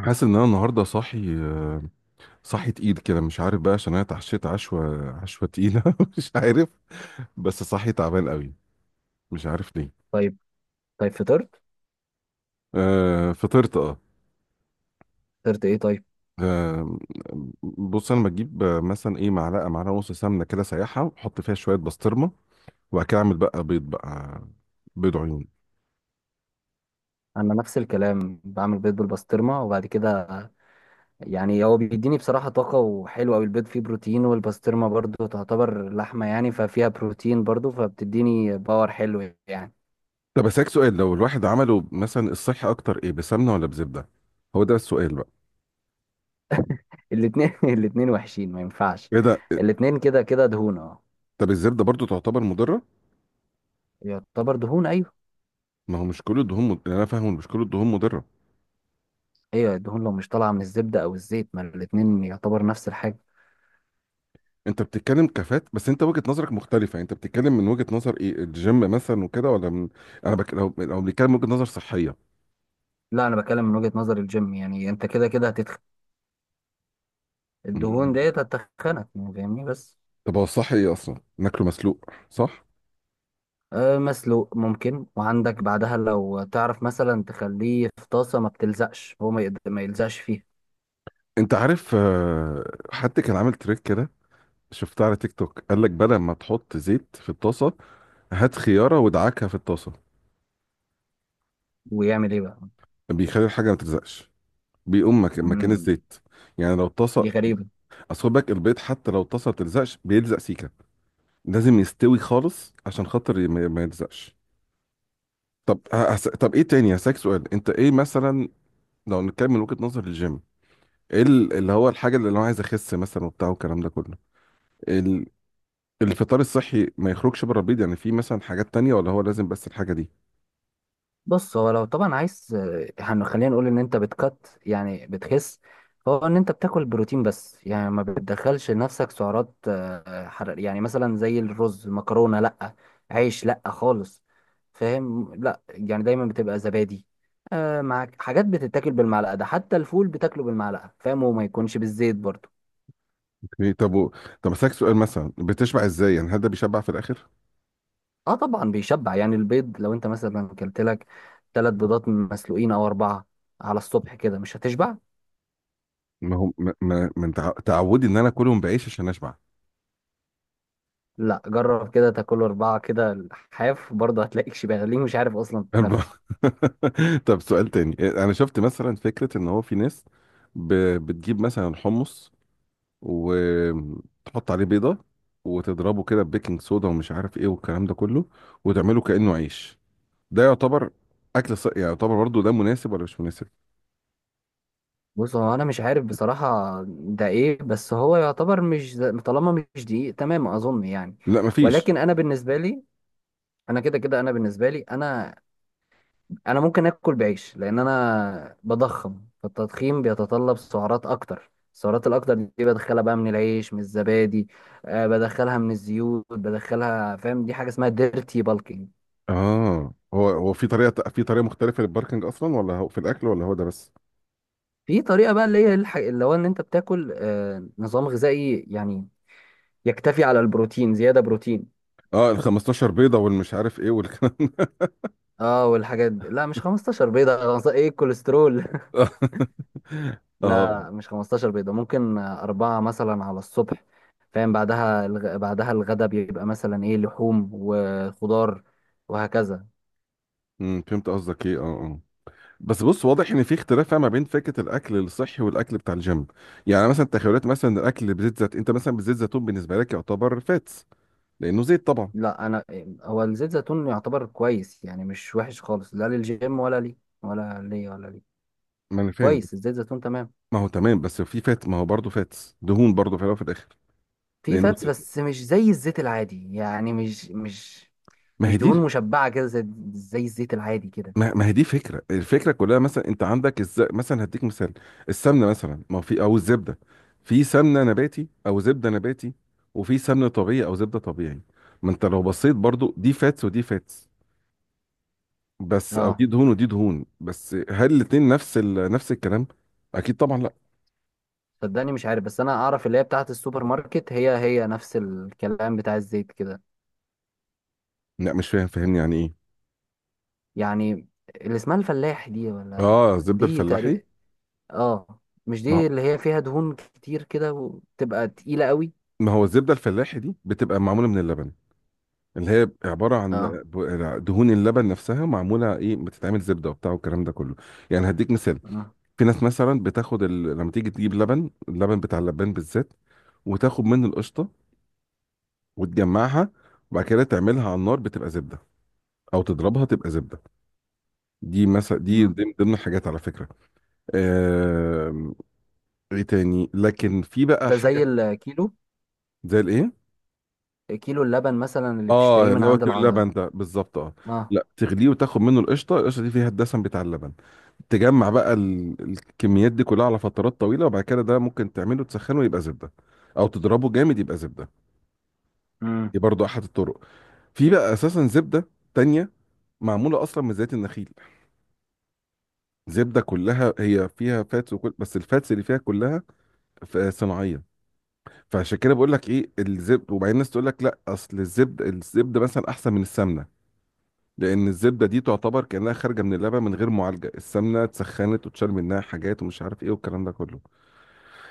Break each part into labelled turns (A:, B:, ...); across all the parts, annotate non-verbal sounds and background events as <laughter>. A: حاسس ان انا النهارده صاحي صاحي تقيل كده مش عارف بقى عشان انا اتعشيت عشوه تقيله <laughs> مش عارف بس صاحي تعبان قوي مش عارف ليه
B: طيب طيب. فطرت
A: آه فطرت اه.
B: فطرت ايه؟ طيب،
A: آه، بص انا بجيب مثلا ايه معلقه ونص سمنه كده سايحه واحط فيها شويه بسطرمه وبعد كده اعمل بقى بيض بقى، بيض عيون.
B: انا نفس الكلام بعمل بيض بالبسطرمه، وبعد كده يعني هو بيديني بصراحه طاقه، وحلو قوي. البيض فيه بروتين، والبسطرمه برضو تعتبر لحمه، يعني ففيها بروتين برضو، فبتديني باور حلو يعني.
A: طب اسالك سؤال، لو الواحد عمله مثلا الصحي اكتر ايه، بسمنه ولا بزبده؟ هو ده السؤال بقى.
B: الاتنين <laughs> الاتنين وحشين، ما ينفعش.
A: ايه ده؟
B: الاتنين كده كده دهون، اه.
A: طب الزبده برضو تعتبر مضره؟
B: يعتبر دهون، ايوه.
A: ما هو مش كل الدهون يعني انا فاهم إن مش كل الدهون مضره.
B: ايوه، الدهون لو مش طالعه من الزبده او الزيت، ما الاتنين يعتبر نفس الحاجه.
A: انت بتتكلم كفات، بس انت وجهة نظرك مختلفة، انت بتتكلم من وجهة نظر ايه، الجيم مثلا وكده ولا من... انا لو بنتكلم وجهة نظر صحية.
B: لا انا بتكلم من وجهه نظر الجيم، يعني انت كده كده هتتخن. الدهون
A: مم.
B: ديت هتتخنك يعني، فاهمني؟ بس
A: طب هو الصح ايه؟ اصلا ناكله مسلوق، صح؟
B: مسلوق ممكن، وعندك بعدها لو تعرف مثلا تخليه في طاسة ما بتلزقش، هو ما يلزقش فيها.
A: انت عارف حد كان عامل تريك كده، شفتها على تيك توك، قال لك بدل ما تحط زيت في الطاسة هات خيارة وادعكها في الطاسة.
B: ويعمل ايه بقى؟
A: بيخلي الحاجة ما تلزقش، بيقوم مكان
B: مم.
A: الزيت، يعني لو الطاسة.
B: دي غريبة.
A: اصل خد بالك البيض حتى لو الطاسة ما بتلزقش بيلزق سيكة، لازم يستوي خالص عشان خاطر ما يلزقش. طب ايه تاني، هسألك سؤال، انت ايه مثلا لو نتكلم من وجهة نظر الجيم، ايه اللي هو الحاجة اللي انا عايز اخس مثلا وبتاع والكلام ده كله. ال... الفطار الصحي ما يخرجش بره البيض؟ يعني في مثلا حاجات تانية ولا هو لازم بس الحاجة دي؟
B: بص هو لو طبعا عايز، خلينا نقول ان انت بتكت، يعني بتخس. هو ان انت بتاكل بروتين بس، يعني ما بتدخلش لنفسك سعرات حرارية، يعني مثلا زي الرز مكرونة لا، عيش لا خالص. فاهم؟ لا يعني دايما بتبقى زبادي، مع حاجات بتتاكل بالمعلقة. ده حتى الفول بتاكله بالمعلقة، فاهم؟ وما يكونش بالزيت برضه.
A: اوكي، طب و... طب هسألك سؤال، مثلا بتشبع ازاي؟ يعني هل ده بيشبع في الاخر؟
B: اه طبعا بيشبع، يعني البيض لو انت مثلا كلت لك 3 بيضات مسلوقين او اربعة على الصبح كده، مش هتشبع.
A: ما هو ما, ما... من تعودي ان انا كلهم بعيش عشان اشبع.
B: لا جرب كده تاكل أربعة كده الحاف، برضه هتلاقيك شبعان، ليه مش عارف أصلا
A: أربعة.
B: تتنفس.
A: <laughs> طب سؤال تاني، انا شفت مثلا فكرة ان هو في ناس بتجيب مثلا حمص وتحط عليه بيضة وتضربه كده ببيكنج صودا ومش عارف ايه والكلام ده كله وتعمله كأنه عيش. ده يعتبر اكل يعني يعتبر برضه ده مناسب ولا مش مناسب؟
B: بص هو أنا مش عارف بصراحة ده إيه، بس هو يعتبر مش طالما مش دقيق تمام أظن يعني.
A: لا مفيش.
B: ولكن أنا بالنسبة لي، أنا أنا ممكن آكل بعيش، لأن أنا بضخم، فالتضخيم بيتطلب سعرات أكتر. السعرات الأكتر دي بدخلها بقى من العيش، من الزبادي، أه بدخلها من الزيوت بدخلها، فاهم؟ دي حاجة اسمها ديرتي بالكينج.
A: اه، هو في طريقة في طريقة مختلفة للباركنج اصلا ولا هو في الاكل ولا هو ده بس؟
B: في طريقة بقى اللي هو ان انت بتاكل آه نظام غذائي يعني يكتفي على البروتين، زيادة بروتين.
A: اه ال 15 بيضة والمش عارف ايه والكلام ده.
B: اه والحاجات دي. لا مش 15 بيضة <laughs> 15 ايه؟ الكوليسترول <laughs>
A: <laughs> اه.
B: لا مش 15 بيضة، ممكن أربعة مثلا على الصبح. فاهم؟ بعدها بعدها الغدا بيبقى مثلا ايه، لحوم وخضار، وهكذا.
A: أمم، فهمت قصدك ايه، اه اه. بس بص، واضح ان في اختلاف ما بين فكره الاكل الصحي والاكل بتاع الجيم. يعني مثلا تخيلات مثلا الاكل بزيت زيتون، انت مثلا بزيت زيتون بالنسبه لك يعتبر فاتس لانه زيت طبعا.
B: لا، هو الزيت زيتون يعتبر كويس، يعني مش وحش خالص، لا للجيم ولا لي، ولا لي ولا لي
A: ما انا فاهم،
B: كويس
A: بس
B: الزيت زيتون، تمام.
A: ما هو تمام، بس في فات، ما هو برضه فاتس، دهون برضه في الاول وفي الاخر،
B: في
A: لانه
B: فاتس
A: زيت.
B: بس مش زي الزيت العادي، يعني مش مش
A: ما هي
B: مش دهون
A: دي
B: مشبعة كده زي الزيت العادي كده.
A: ما هي دي فكره، الفكره كلها، مثلا انت عندك الز... مثلا هديك مثال، السمنه مثلا، ما هو في او الزبده، في سمنه نباتي او زبده نباتي، وفي سمنه طبيعي او زبده طبيعي، ما انت لو بصيت برضه دي فاتس ودي فاتس بس، او
B: اه
A: دي دهون ودي دهون بس، هل الاتنين نفس ال... نفس الكلام؟ اكيد طبعا لا.
B: صدقني مش عارف، بس انا اعرف اللي هي بتاعت السوبر ماركت، هي نفس الكلام بتاع الزيت كده.
A: لا مش فاهم، فاهمني يعني ايه.
B: يعني اللي اسمها الفلاح دي ولا؟
A: اه الزبده
B: دي
A: الفلاحي.
B: تقريبا اه. مش
A: ما
B: دي
A: هو
B: اللي هي فيها دهون كتير كده وتبقى تقيلة قوي؟
A: ما هو الزبده الفلاحي دي بتبقى معموله من اللبن، اللي هي عباره عن
B: اه.
A: دهون اللبن نفسها، معموله ايه، بتتعمل زبده وبتاع والكلام ده كله. يعني هديك مثال،
B: اه.
A: في ناس مثلا بتاخد ال... لما تيجي تجيب لبن، اللبن بتاع اللبان بالذات، وتاخد منه القشطه وتجمعها وبعد كده تعملها على النار بتبقى زبده، او تضربها تبقى زبده. دي مثلا دي
B: مم.
A: ضمن الحاجات على فكره. آم، ايه تاني، لكن في بقى
B: ده زي
A: حاجه.
B: الكيلو،
A: زي الايه؟
B: كيلو اللبن مثلا اللي
A: اه
B: بتشتريه من
A: اللي هو
B: عند
A: كيلو اللبن
B: الع.
A: ده بالظبط، اه.
B: اه.
A: لا تغليه وتاخد منه القشطه، القشطه دي فيها الدسم بتاع اللبن. تجمع بقى الكميات دي كلها على فترات طويله، وبعد كده ده ممكن تعمله تسخنه يبقى زبده، او تضربه جامد يبقى زبده.
B: امم.
A: دي برضو احد الطرق. في بقى اساسا زبده تانية معموله اصلا من زيت النخيل، زبده كلها هي فيها فاتس وكل، بس الفاتس اللي فيها كلها صناعيه. فعشان كده بقول لك ايه، الزبد، وبعدين الناس تقول لك لا اصل الزبد الزبده مثلا احسن من السمنه، لان الزبده دي تعتبر كانها خارجه من اللبن من غير معالجه، السمنه اتسخنت وتشال منها حاجات ومش عارف ايه والكلام ده كله.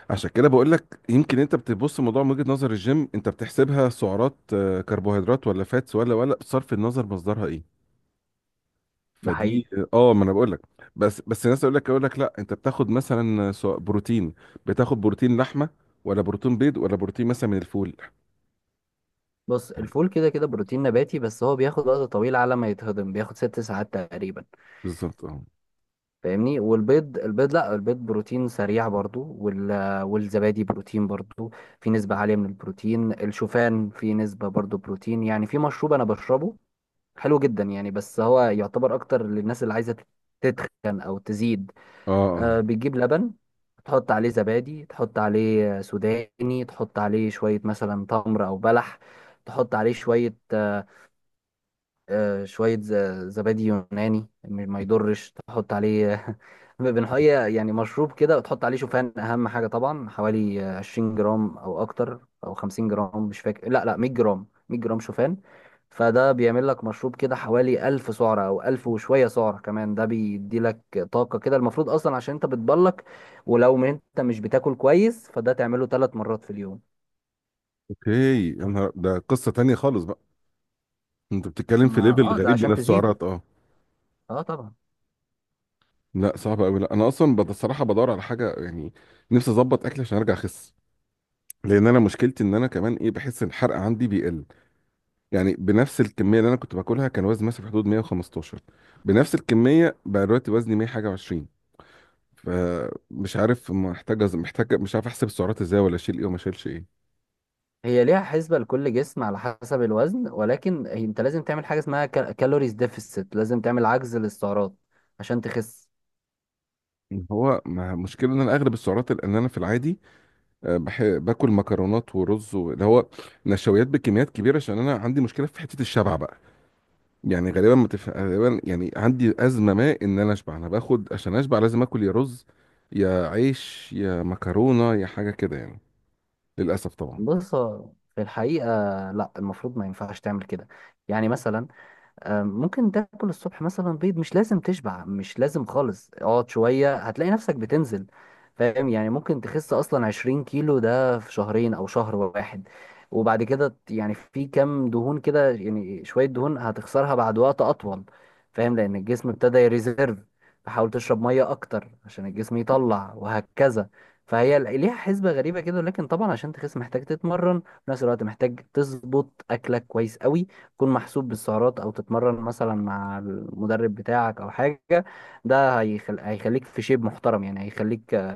A: عشان كده بقول لك يمكن انت بتبص الموضوع من وجهه نظر الجيم، انت بتحسبها سعرات كربوهيدرات ولا فاتس ولا بصرف النظر مصدرها ايه.
B: ده حقيقي.
A: فدي، اه، ما انا بقول لك. بس الناس يقول لك لا انت بتاخد مثلا سواء بروتين، بتاخد بروتين لحمه ولا بروتين بيض ولا بروتين مثلا من الفول.
B: بص الفول كده كده بروتين نباتي، بس هو بياخد وقت طويل على ما يتهضم، بياخد 6 ساعات تقريبا.
A: بالظبط اه.
B: فاهمني؟ والبيض لا، البيض بروتين سريع برضو، والزبادي بروتين برضو. في نسبة عالية من البروتين، الشوفان في نسبة برضو بروتين. يعني في مشروب انا بشربه حلو جدا يعني، بس هو يعتبر اكتر للناس اللي عايزة تتخن او تزيد.
A: اه اه.
B: آه بتجيب لبن، تحط عليه زبادي، تحط عليه سوداني، تحط عليه شوية مثلا تمر او بلح، تحط عليه شوية شوية زبادي يوناني، ما يضرش تحط عليه <laughs> بنحية، يعني مشروب كده. وتحط عليه شوفان أهم حاجة طبعا، حوالي 20 جرام أو أكتر، أو 50 جرام، مش فاكر، لا لا 100 جرام، 100 جرام شوفان. فده بيعمل لك مشروب كده حوالي 1000 سعرة أو 1000 وشوية سعرة كمان، ده بيدي لك طاقة كده، المفروض أصلا عشان أنت بتبلك. ولو ما أنت مش بتاكل كويس، فده تعمله 3 مرات في اليوم.
A: اوكي. يا نهار ده، قصة تانية خالص بقى، انت بتتكلم في
B: ما
A: ليفل
B: اه ده
A: غريب من
B: عشان تزيد،
A: السعرات اه.
B: اه طبعا.
A: لا صعب قوي، لا انا اصلا الصراحة بدور على حاجة يعني، نفسي اظبط اكلي عشان ارجع اخس، لان انا مشكلتي ان انا كمان ايه، بحس ان الحرق عندي بيقل. يعني بنفس الكمية اللي انا كنت باكلها كان وزني مثلا في حدود 115، بنفس الكمية بقى دلوقتي وزني 100 حاجة و20. فمش عارف محتاج محتاج، مش عارف احسب السعرات ازاي، ولا اشيل ايه وما اشيلش ايه.
B: هي ليها حسبة لكل جسم على حسب الوزن، ولكن انت لازم تعمل حاجة اسمها كالوريز ديفيسيت، لازم تعمل عجز للسعرات عشان تخس.
A: هو مشكلة ان انا اغلب السعرات لان انا في العادي باكل مكرونات ورز اللي هو نشويات بكميات كبيره عشان انا عندي مشكله في حته الشبع بقى. يعني غالبا ما تف... غالبا يعني عندي ازمه ما، ان انا اشبع انا باخد عشان اشبع لازم اكل يا رز يا عيش يا مكرونه يا حاجه كده يعني، للاسف طبعا.
B: بص هو في الحقيقة، لا المفروض ما ينفعش تعمل كده. يعني مثلا ممكن تاكل الصبح مثلا بيض، مش لازم تشبع، مش لازم خالص. اقعد شوية هتلاقي نفسك بتنزل، فاهم؟ يعني ممكن تخس اصلا 20 كيلو ده في شهرين او شهر واحد، وبعد كده يعني في كام دهون كده، يعني شوية دهون هتخسرها بعد وقت اطول، فاهم؟ لان الجسم ابتدى يريزيرف. فحاول تشرب مية اكتر عشان الجسم يطلع، وهكذا. فهي ليها حسبة غريبة كده، لكن طبعا عشان تخس محتاج تتمرن. في نفس الوقت محتاج تظبط اكلك كويس قوي، تكون محسوب بالسعرات، او تتمرن مثلا مع المدرب بتاعك او حاجه. ده هيخليك في شيب محترم، يعني هيخليك،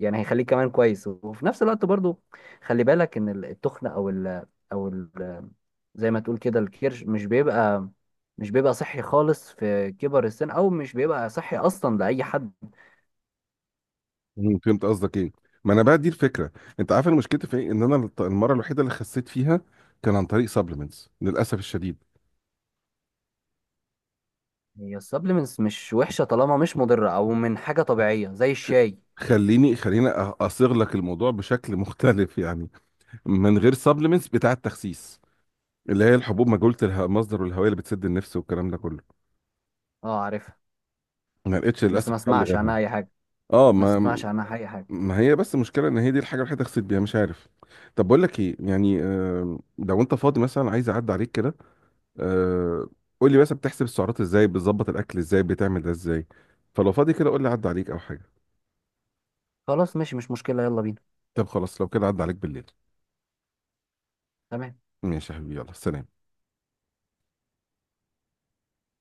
B: يعني هيخليك كمان كويس، وفي نفس الوقت برضو خلي بالك ان التخن او ال... زي ما تقول كده الكرش، مش بيبقى، مش بيبقى صحي خالص في كبر السن، او مش بيبقى صحي اصلا لاي حد.
A: مم، فهمت قصدك ايه، ما انا بقى دي الفكره. انت عارف أنا مشكلتي في ايه؟ ان انا المره الوحيده اللي خسيت فيها كان عن طريق سبلمنتس للاسف الشديد.
B: هي السبلمنتس مش وحشه طالما مش مضره، او من حاجه طبيعيه زي الشاي.
A: خليني اصيغ لك الموضوع بشكل <laughs> مختلف يعني، من غير سبلمنتس بتاع التخسيس، اللي هي الحبوب مجهولة مصدر والهوية اللي بتسد النفس والكلام ده كله.
B: اه عارفها،
A: ما لقيتش
B: بس
A: للأسف
B: ما
A: حل
B: اسمعش
A: غيرها.
B: عنها اي حاجه،
A: اه
B: ما
A: ما.
B: اسمعش عنها اي حاجه.
A: ما هي بس المشكلة ان هي دي الحاجة الوحيدة اغسل بيها، مش عارف. طب بقول لك ايه يعني، آه لو انت فاضي مثلا عايز اعدي عليك كده، آه قول لي بس بتحسب السعرات ازاي، بتظبط الاكل ازاي، بتعمل ده ازاي. فلو فاضي كده قول لي عدى عليك او حاجة.
B: خلاص ماشي مش مشكلة، يلا بينا.
A: طب خلاص لو كده عدى عليك بالليل.
B: تمام.
A: ماشي يا حبيبي، يلا سلام.